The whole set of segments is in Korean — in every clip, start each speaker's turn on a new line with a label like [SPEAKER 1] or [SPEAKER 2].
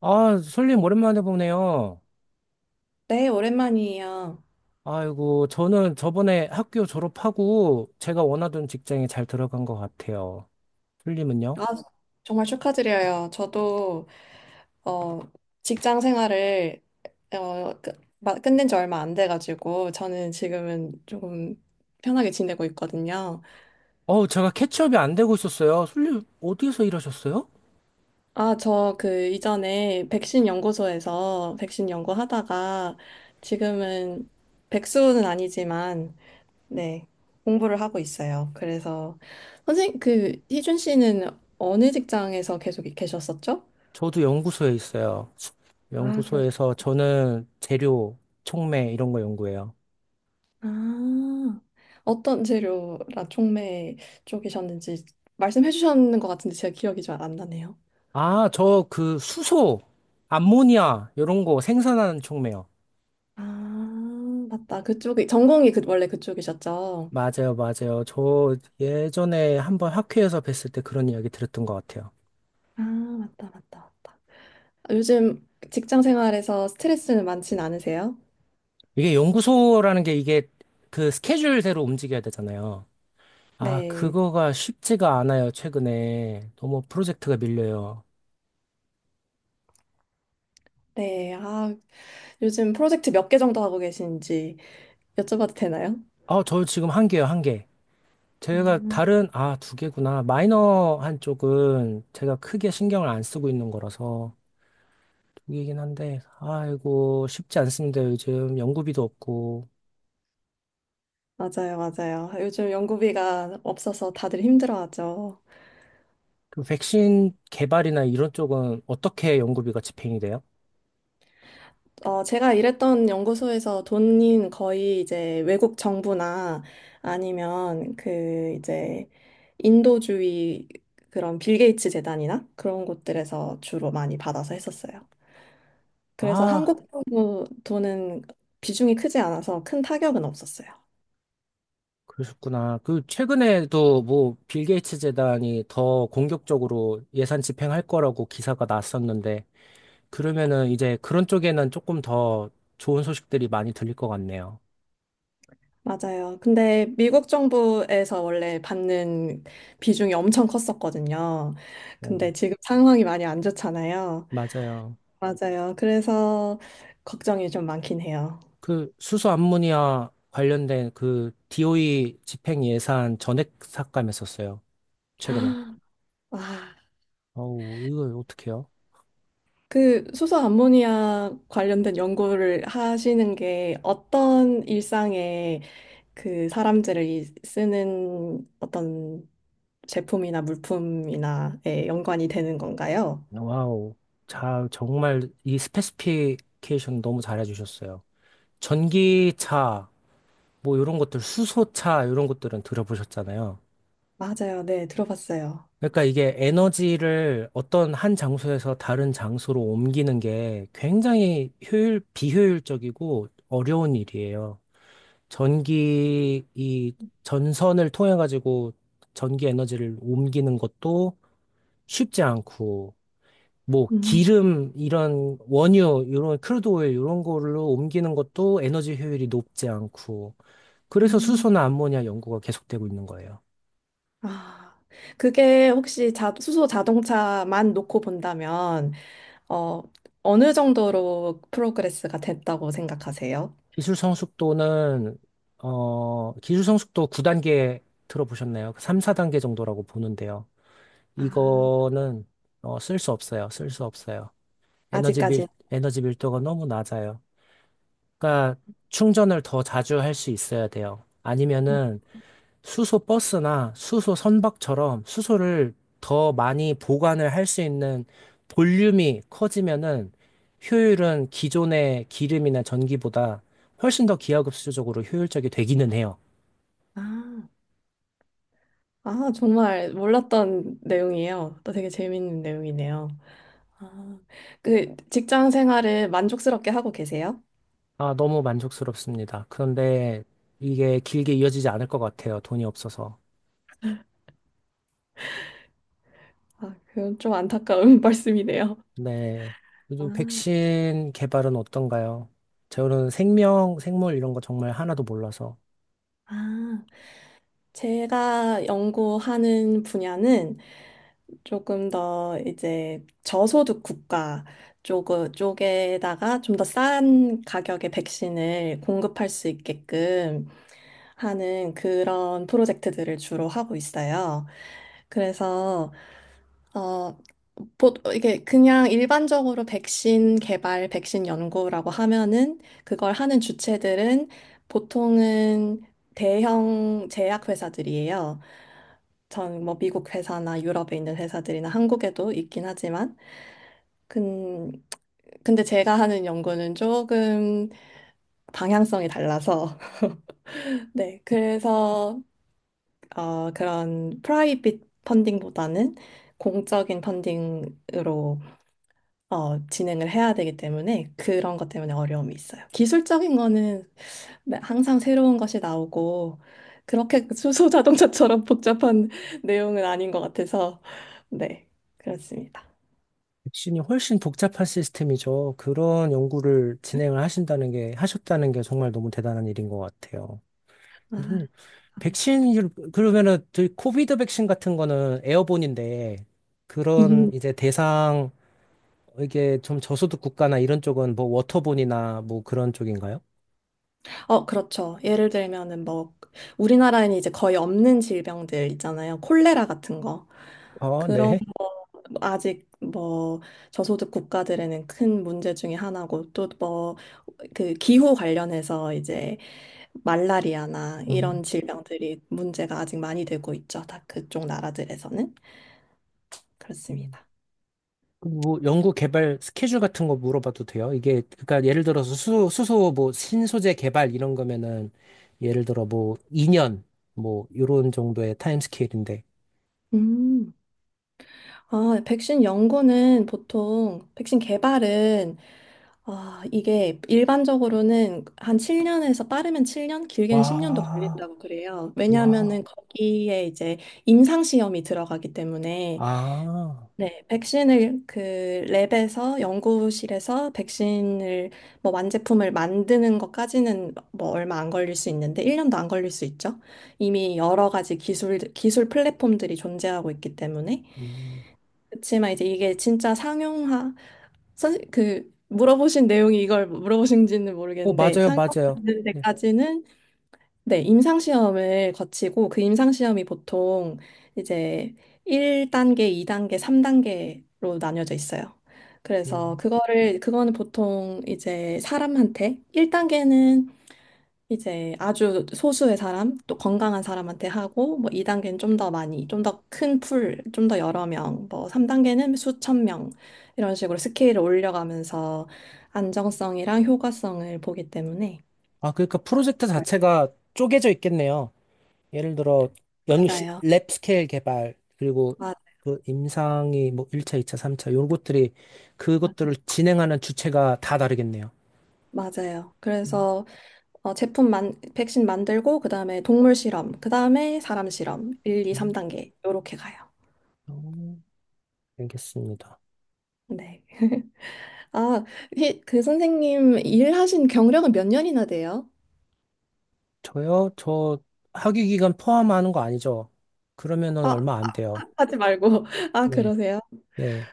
[SPEAKER 1] 아, 솔님 오랜만에 보네요.
[SPEAKER 2] 네, 오랜만이에요.
[SPEAKER 1] 아이고, 저는 저번에 학교 졸업하고 제가 원하던 직장에 잘 들어간 것 같아요. 솔님은요?
[SPEAKER 2] 아, 정말 축하드려요. 저도 어, 직장 생활을 끝낸 지 얼마 안 돼가지고 저는 지금은 조금 편하게 지내고 있거든요.
[SPEAKER 1] 어우, 제가 캐치업이 안 되고 있었어요. 솔님, 어디에서 일하셨어요?
[SPEAKER 2] 아, 저 그 이전에 백신 연구소에서 백신 연구하다가 지금은 백수는 아니지만 네, 공부를 하고 있어요. 그래서 선생님, 그 희준 씨는 어느 직장에서 계속 계셨었죠?
[SPEAKER 1] 저도 연구소에 있어요.
[SPEAKER 2] 아, 그러셨구나.
[SPEAKER 1] 연구소에서 저는 재료, 촉매 이런 거 연구해요.
[SPEAKER 2] 아, 어떤 재료 라촉매 쪽이셨는지 말씀해 주셨는 것 같은데 제가 기억이 잘 안 나네요.
[SPEAKER 1] 아, 저 그 수소, 암모니아 이런 거 생산하는 촉매요.
[SPEAKER 2] 아, 맞다. 그쪽이 전공이 그 원래 그쪽이셨죠?
[SPEAKER 1] 맞아요, 맞아요. 저 예전에 한번 학회에서 뵀을 때 그런 이야기 들었던 것 같아요.
[SPEAKER 2] 아, 맞다, 맞다, 맞다. 요즘 직장 생활에서 스트레스는 많진 않으세요?
[SPEAKER 1] 이게 연구소라는 게 이게 그 스케줄대로 움직여야 되잖아요. 아,
[SPEAKER 2] 네,
[SPEAKER 1] 그거가 쉽지가 않아요, 최근에. 너무 프로젝트가 밀려요.
[SPEAKER 2] 네. 아, 요즘 프로젝트 몇 개 정도 하고 계신지 여쭤봐도 되나요?
[SPEAKER 1] 아, 저 지금 한 개요, 한 개. 제가
[SPEAKER 2] 음,
[SPEAKER 1] 다른, 아, 두 개구나. 마이너 한 쪽은 제가 크게 신경을 안 쓰고 있는 거라서 두 개긴 한데, 아이고, 쉽지 않습니다, 요즘. 연구비도 없고.
[SPEAKER 2] 맞아요, 맞아요. 요즘 연구비가 없어서 다들 힘들어하죠.
[SPEAKER 1] 그 백신 개발이나 이런 쪽은 어떻게 연구비가 집행이 돼요?
[SPEAKER 2] 제가 일했던 연구소에서 돈인 거의 이제 외국 정부나 아니면 그 이제 인도주의 그런 빌 게이츠 재단이나 그런 곳들에서 주로 많이 받아서 했었어요. 그래서
[SPEAKER 1] 아,
[SPEAKER 2] 한국 정부 돈은 비중이 크지 않아서 큰 타격은 없었어요.
[SPEAKER 1] 그러셨구나. 그 최근에도 뭐 빌 게이츠 재단이 더 공격적으로 예산 집행할 거라고 기사가 났었는데 그러면은 이제 그런 쪽에는 조금 더 좋은 소식들이 많이 들릴 것 같네요.
[SPEAKER 2] 맞아요. 근데 미국 정부에서 원래 받는 비중이 엄청 컸었거든요.
[SPEAKER 1] 네,
[SPEAKER 2] 근데 지금 상황이 많이 안 좋잖아요.
[SPEAKER 1] 맞아요.
[SPEAKER 2] 맞아요. 그래서 걱정이 좀 많긴 해요.
[SPEAKER 1] 그 수소 암모니아 관련된 그 DOE 집행 예산 전액 삭감했었어요. 최근에.
[SPEAKER 2] 와,
[SPEAKER 1] 어우, 이거 어떡해요?
[SPEAKER 2] 그 수소 암모니아 관련된 연구를 하시는 게 어떤 일상에 그 사람들이 쓰는 어떤 제품이나 물품이나에 연관이 되는 건가요?
[SPEAKER 1] 와우. 자, 정말 이 스페시피케이션 너무 잘해주셨어요. 전기차 뭐 이런 것들 수소차 이런 것들은 들어보셨잖아요.
[SPEAKER 2] 맞아요. 네, 들어봤어요.
[SPEAKER 1] 그러니까 이게 에너지를 어떤 한 장소에서 다른 장소로 옮기는 게 굉장히 효율 비효율적이고 어려운 일이에요. 전기 이 전선을 통해 가지고 전기 에너지를 옮기는 것도 쉽지 않고 뭐
[SPEAKER 2] 음,
[SPEAKER 1] 기름 이런 원유 이런 크루드 오일 이런 걸로 옮기는 것도 에너지 효율이 높지 않고 그래서
[SPEAKER 2] 음.
[SPEAKER 1] 수소나 암모니아 연구가 계속되고 있는 거예요.
[SPEAKER 2] 아, 그게 혹시 자, 수소 자동차만 놓고 본다면 어, 어느 정도로 프로그레스가 됐다고 생각하세요?
[SPEAKER 1] 기술 성숙도는, 기술 성숙도 9단계 들어보셨나요? 3, 4단계 정도라고 보는데요.
[SPEAKER 2] 아,
[SPEAKER 1] 이거는, 쓸 수 없어요. 쓸 수 없어요. 에너지 밀,
[SPEAKER 2] 아직까지.
[SPEAKER 1] 에너지 밀도가 너무 낮아요. 그러니까 충전을 더 자주 할 수 있어야 돼요. 아니면은, 수소 버스나 수소 선박처럼 수소를 더 많이 보관을 할 수 있는 볼륨이 커지면은 효율은 기존의 기름이나 전기보다 훨씬 더 기하급수적으로 효율적이 되기는 해요.
[SPEAKER 2] 아, 아, 정말 몰랐던 내용이에요. 또 되게 재밌는 내용이네요. 아, 그 직장 생활을 만족스럽게 하고 계세요?
[SPEAKER 1] 아, 너무 만족스럽습니다. 그런데 이게 길게 이어지지 않을 것 같아요. 돈이 없어서.
[SPEAKER 2] 아, 그건 좀 안타까운 말씀이네요.
[SPEAKER 1] 네.
[SPEAKER 2] 아,
[SPEAKER 1] 요즘 백신 개발은 어떤가요? 저는 생명, 생물 이런 거 정말 하나도 몰라서.
[SPEAKER 2] 아, 제가 연구하는 분야는 조금 더 이제 저소득 국가 쪽, 쪽에다가 좀 더 싼 가격의 백신을 공급할 수 있게끔 하는 그런 프로젝트들을 주로 하고 있어요. 그래서 어, 이게 그냥 일반적으로 백신 개발, 백신 연구라고 하면은 그걸 하는 주체들은 보통은 대형 제약회사들이에요. 전 뭐 미국 회사나 유럽에 있는 회사들이나 한국에도 있긴 하지만 근 근데 제가 하는 연구는 조금 방향성이 달라서 네, 그래서 그런 프라이빗 펀딩보다는 공적인 펀딩으로 진행을 해야 되기 때문에 그런 것 때문에 어려움이 있어요. 기술적인 거는 항상 새로운 것이 나오고 그렇게 수소 자동차처럼 복잡한 내용은 아닌 것 같아서 네, 그렇습니다.
[SPEAKER 1] 백신이 훨씬 복잡한 시스템이죠. 그런 연구를 진행을 하신다는 게, 하셨다는 게 정말 너무 대단한 일인 것 같아요.
[SPEAKER 2] 아,
[SPEAKER 1] 이분,
[SPEAKER 2] 감사합니다.
[SPEAKER 1] 백신, 일- 그러면은, 저희 코비드 백신 같은 거는 에어본인데, 그런
[SPEAKER 2] 음,
[SPEAKER 1] 이제 대상, 이게 좀 저소득 국가나 이런 쪽은 뭐 워터본이나 뭐 그런 쪽인가요?
[SPEAKER 2] 그렇죠. 예를 들면은 뭐 우리나라에는 이제 거의 없는 질병들 있잖아요. 콜레라 같은 거.
[SPEAKER 1] 아,
[SPEAKER 2] 그런
[SPEAKER 1] 네.
[SPEAKER 2] 아직 뭐 저소득 국가들에는 큰 문제 중에 하나고 또 뭐 그 기후 관련해서 이제 말라리아나 이런 질병들이 문제가 아직 많이 되고 있죠. 다 그쪽 나라들에서는
[SPEAKER 1] 음.
[SPEAKER 2] 그렇습니다.
[SPEAKER 1] 뭐 연구 개발 스케줄 같은 거 물어봐도 돼요? 이게 그러니까 예를 들어서 수, 수소 뭐 신소재 개발 이런 거면은 예를 들어 뭐 2년 뭐 요런 정도의 타임 스케일인데
[SPEAKER 2] 음. 아, 백신 연구는 보통 백신 개발은, 아, 이게 일반적으로는 한 7년에서 빠르면 7년, 길게는 10년도
[SPEAKER 1] 와,
[SPEAKER 2] 걸린다고 그래요. 왜냐하면은
[SPEAKER 1] 와,
[SPEAKER 2] 거기에 이제 임상 시험이 들어가기 때문에.
[SPEAKER 1] 아,
[SPEAKER 2] 네, 백신을 그 랩에서, 연구실에서 백신을 뭐 완제품을 만드는 것까지는 뭐 얼마 안 걸릴 수 있는데 1년도 안 걸릴 수 있죠. 이미 여러 가지 기술 플랫폼들이 존재하고 있기 때문에.
[SPEAKER 1] 음.
[SPEAKER 2] 그치만 이제 이게 진짜 상용화, 그 물어보신 내용이 이걸 물어보신지는 모르겠는데
[SPEAKER 1] 맞아요, 맞아요.
[SPEAKER 2] 상용화되는
[SPEAKER 1] 네.
[SPEAKER 2] 데까지는, 네, 임상 시험을 거치고, 그 임상 시험이 보통 이제 1단계, 2단계, 3단계로 나뉘어져 있어요. 그래서
[SPEAKER 1] 음.
[SPEAKER 2] 그거를, 그거는 보통 이제 사람한테 1단계는 이제 아주 소수의 사람, 또 건강한 사람한테 하고, 뭐 2단계는 좀 더 많이, 좀 더 큰 풀, 좀 더 여러 명, 뭐 3단계는 수천 명, 이런 식으로 스케일을 올려가면서 안정성이랑 효과성을 보기 때문에.
[SPEAKER 1] 아 그러니까 프로젝트 자체가 쪼개져 있겠네요. 예를 들어
[SPEAKER 2] 맞아요.
[SPEAKER 1] 연랩 스케일 개발 그리고
[SPEAKER 2] 맞-
[SPEAKER 1] 그 임상이 뭐 1차, 2차, 3차 요것들이
[SPEAKER 2] 맞아요,
[SPEAKER 1] 그것들을 진행하는 주체가 다 다르겠네요.
[SPEAKER 2] 맞아요. 그래서 백신 만들고, 그 다음에 동물 실험, 그 다음에 사람 실험, 1, 2,
[SPEAKER 1] 음,
[SPEAKER 2] 3단계, 요렇게 가요.
[SPEAKER 1] 어, 알겠습니다.
[SPEAKER 2] 네. 아, 그 선생님 일하신 경력은 몇 년이나 돼요?
[SPEAKER 1] 저요? 저 학위 기간 포함하는 거 아니죠? 그러면은
[SPEAKER 2] 아,
[SPEAKER 1] 얼마 안 돼요.
[SPEAKER 2] 하지 말고. 아,
[SPEAKER 1] 네,
[SPEAKER 2] 그러세요?
[SPEAKER 1] 네.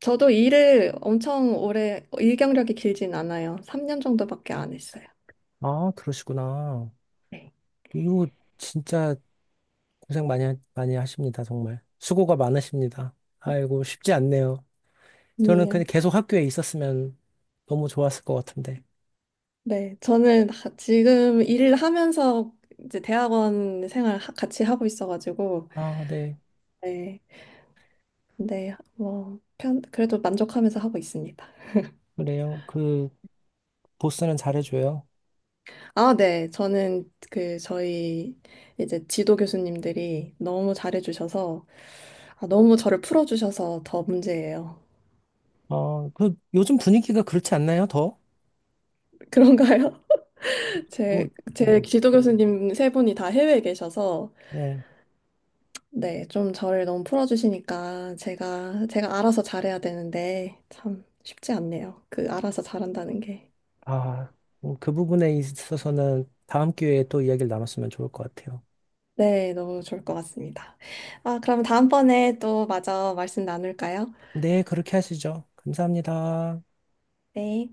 [SPEAKER 2] 저도 일을 엄청 오래, 일 경력이 길진 않아요. 3년 정도밖에 안 했어요.
[SPEAKER 1] 아, 그러시구나.
[SPEAKER 2] 네.
[SPEAKER 1] 이거 진짜 고생 많이, 하- 많이 하십니다, 정말. 수고가 많으십니다. 아이고, 쉽지 않네요. 저는
[SPEAKER 2] 아니에요.
[SPEAKER 1] 그냥 계속 학교에 있었으면 너무 좋았을 것 같은데.
[SPEAKER 2] 네, 저는 지금 일을 하면서 이제 대학원 생활 같이 하고 있어가지고,
[SPEAKER 1] 아, 네.
[SPEAKER 2] 네, 네. 뭐, 그래도 만족하면서 하고 있습니다.
[SPEAKER 1] 그래요. 그, 보스는 잘해줘요.
[SPEAKER 2] 아, 네, 저는 그, 저희 이제 지도 교수님들이 너무 잘해주셔서, 아, 너무 저를 풀어주셔서 더 문제예요.
[SPEAKER 1] 요즘 분위기가 그렇지 않나요, 더?
[SPEAKER 2] 그런가요?
[SPEAKER 1] 뭐, 네,
[SPEAKER 2] 제 지도 교수님 세 분이 다 해외에 계셔서,
[SPEAKER 1] 네.
[SPEAKER 2] 네, 좀 저를 너무 풀어주시니까 제가 알아서 잘해야 되는데, 참 쉽지 않네요. 그 알아서 잘한다는 게.
[SPEAKER 1] 아, 그 부분에 있어서는 다음 기회에 또 이야기를 나눴으면 좋을 것 같아요.
[SPEAKER 2] 네, 너무 좋을 것 같습니다. 아, 그럼 다음번에 또 마저 말씀 나눌까요?
[SPEAKER 1] 네, 그렇게 하시죠. 감사합니다.
[SPEAKER 2] 네.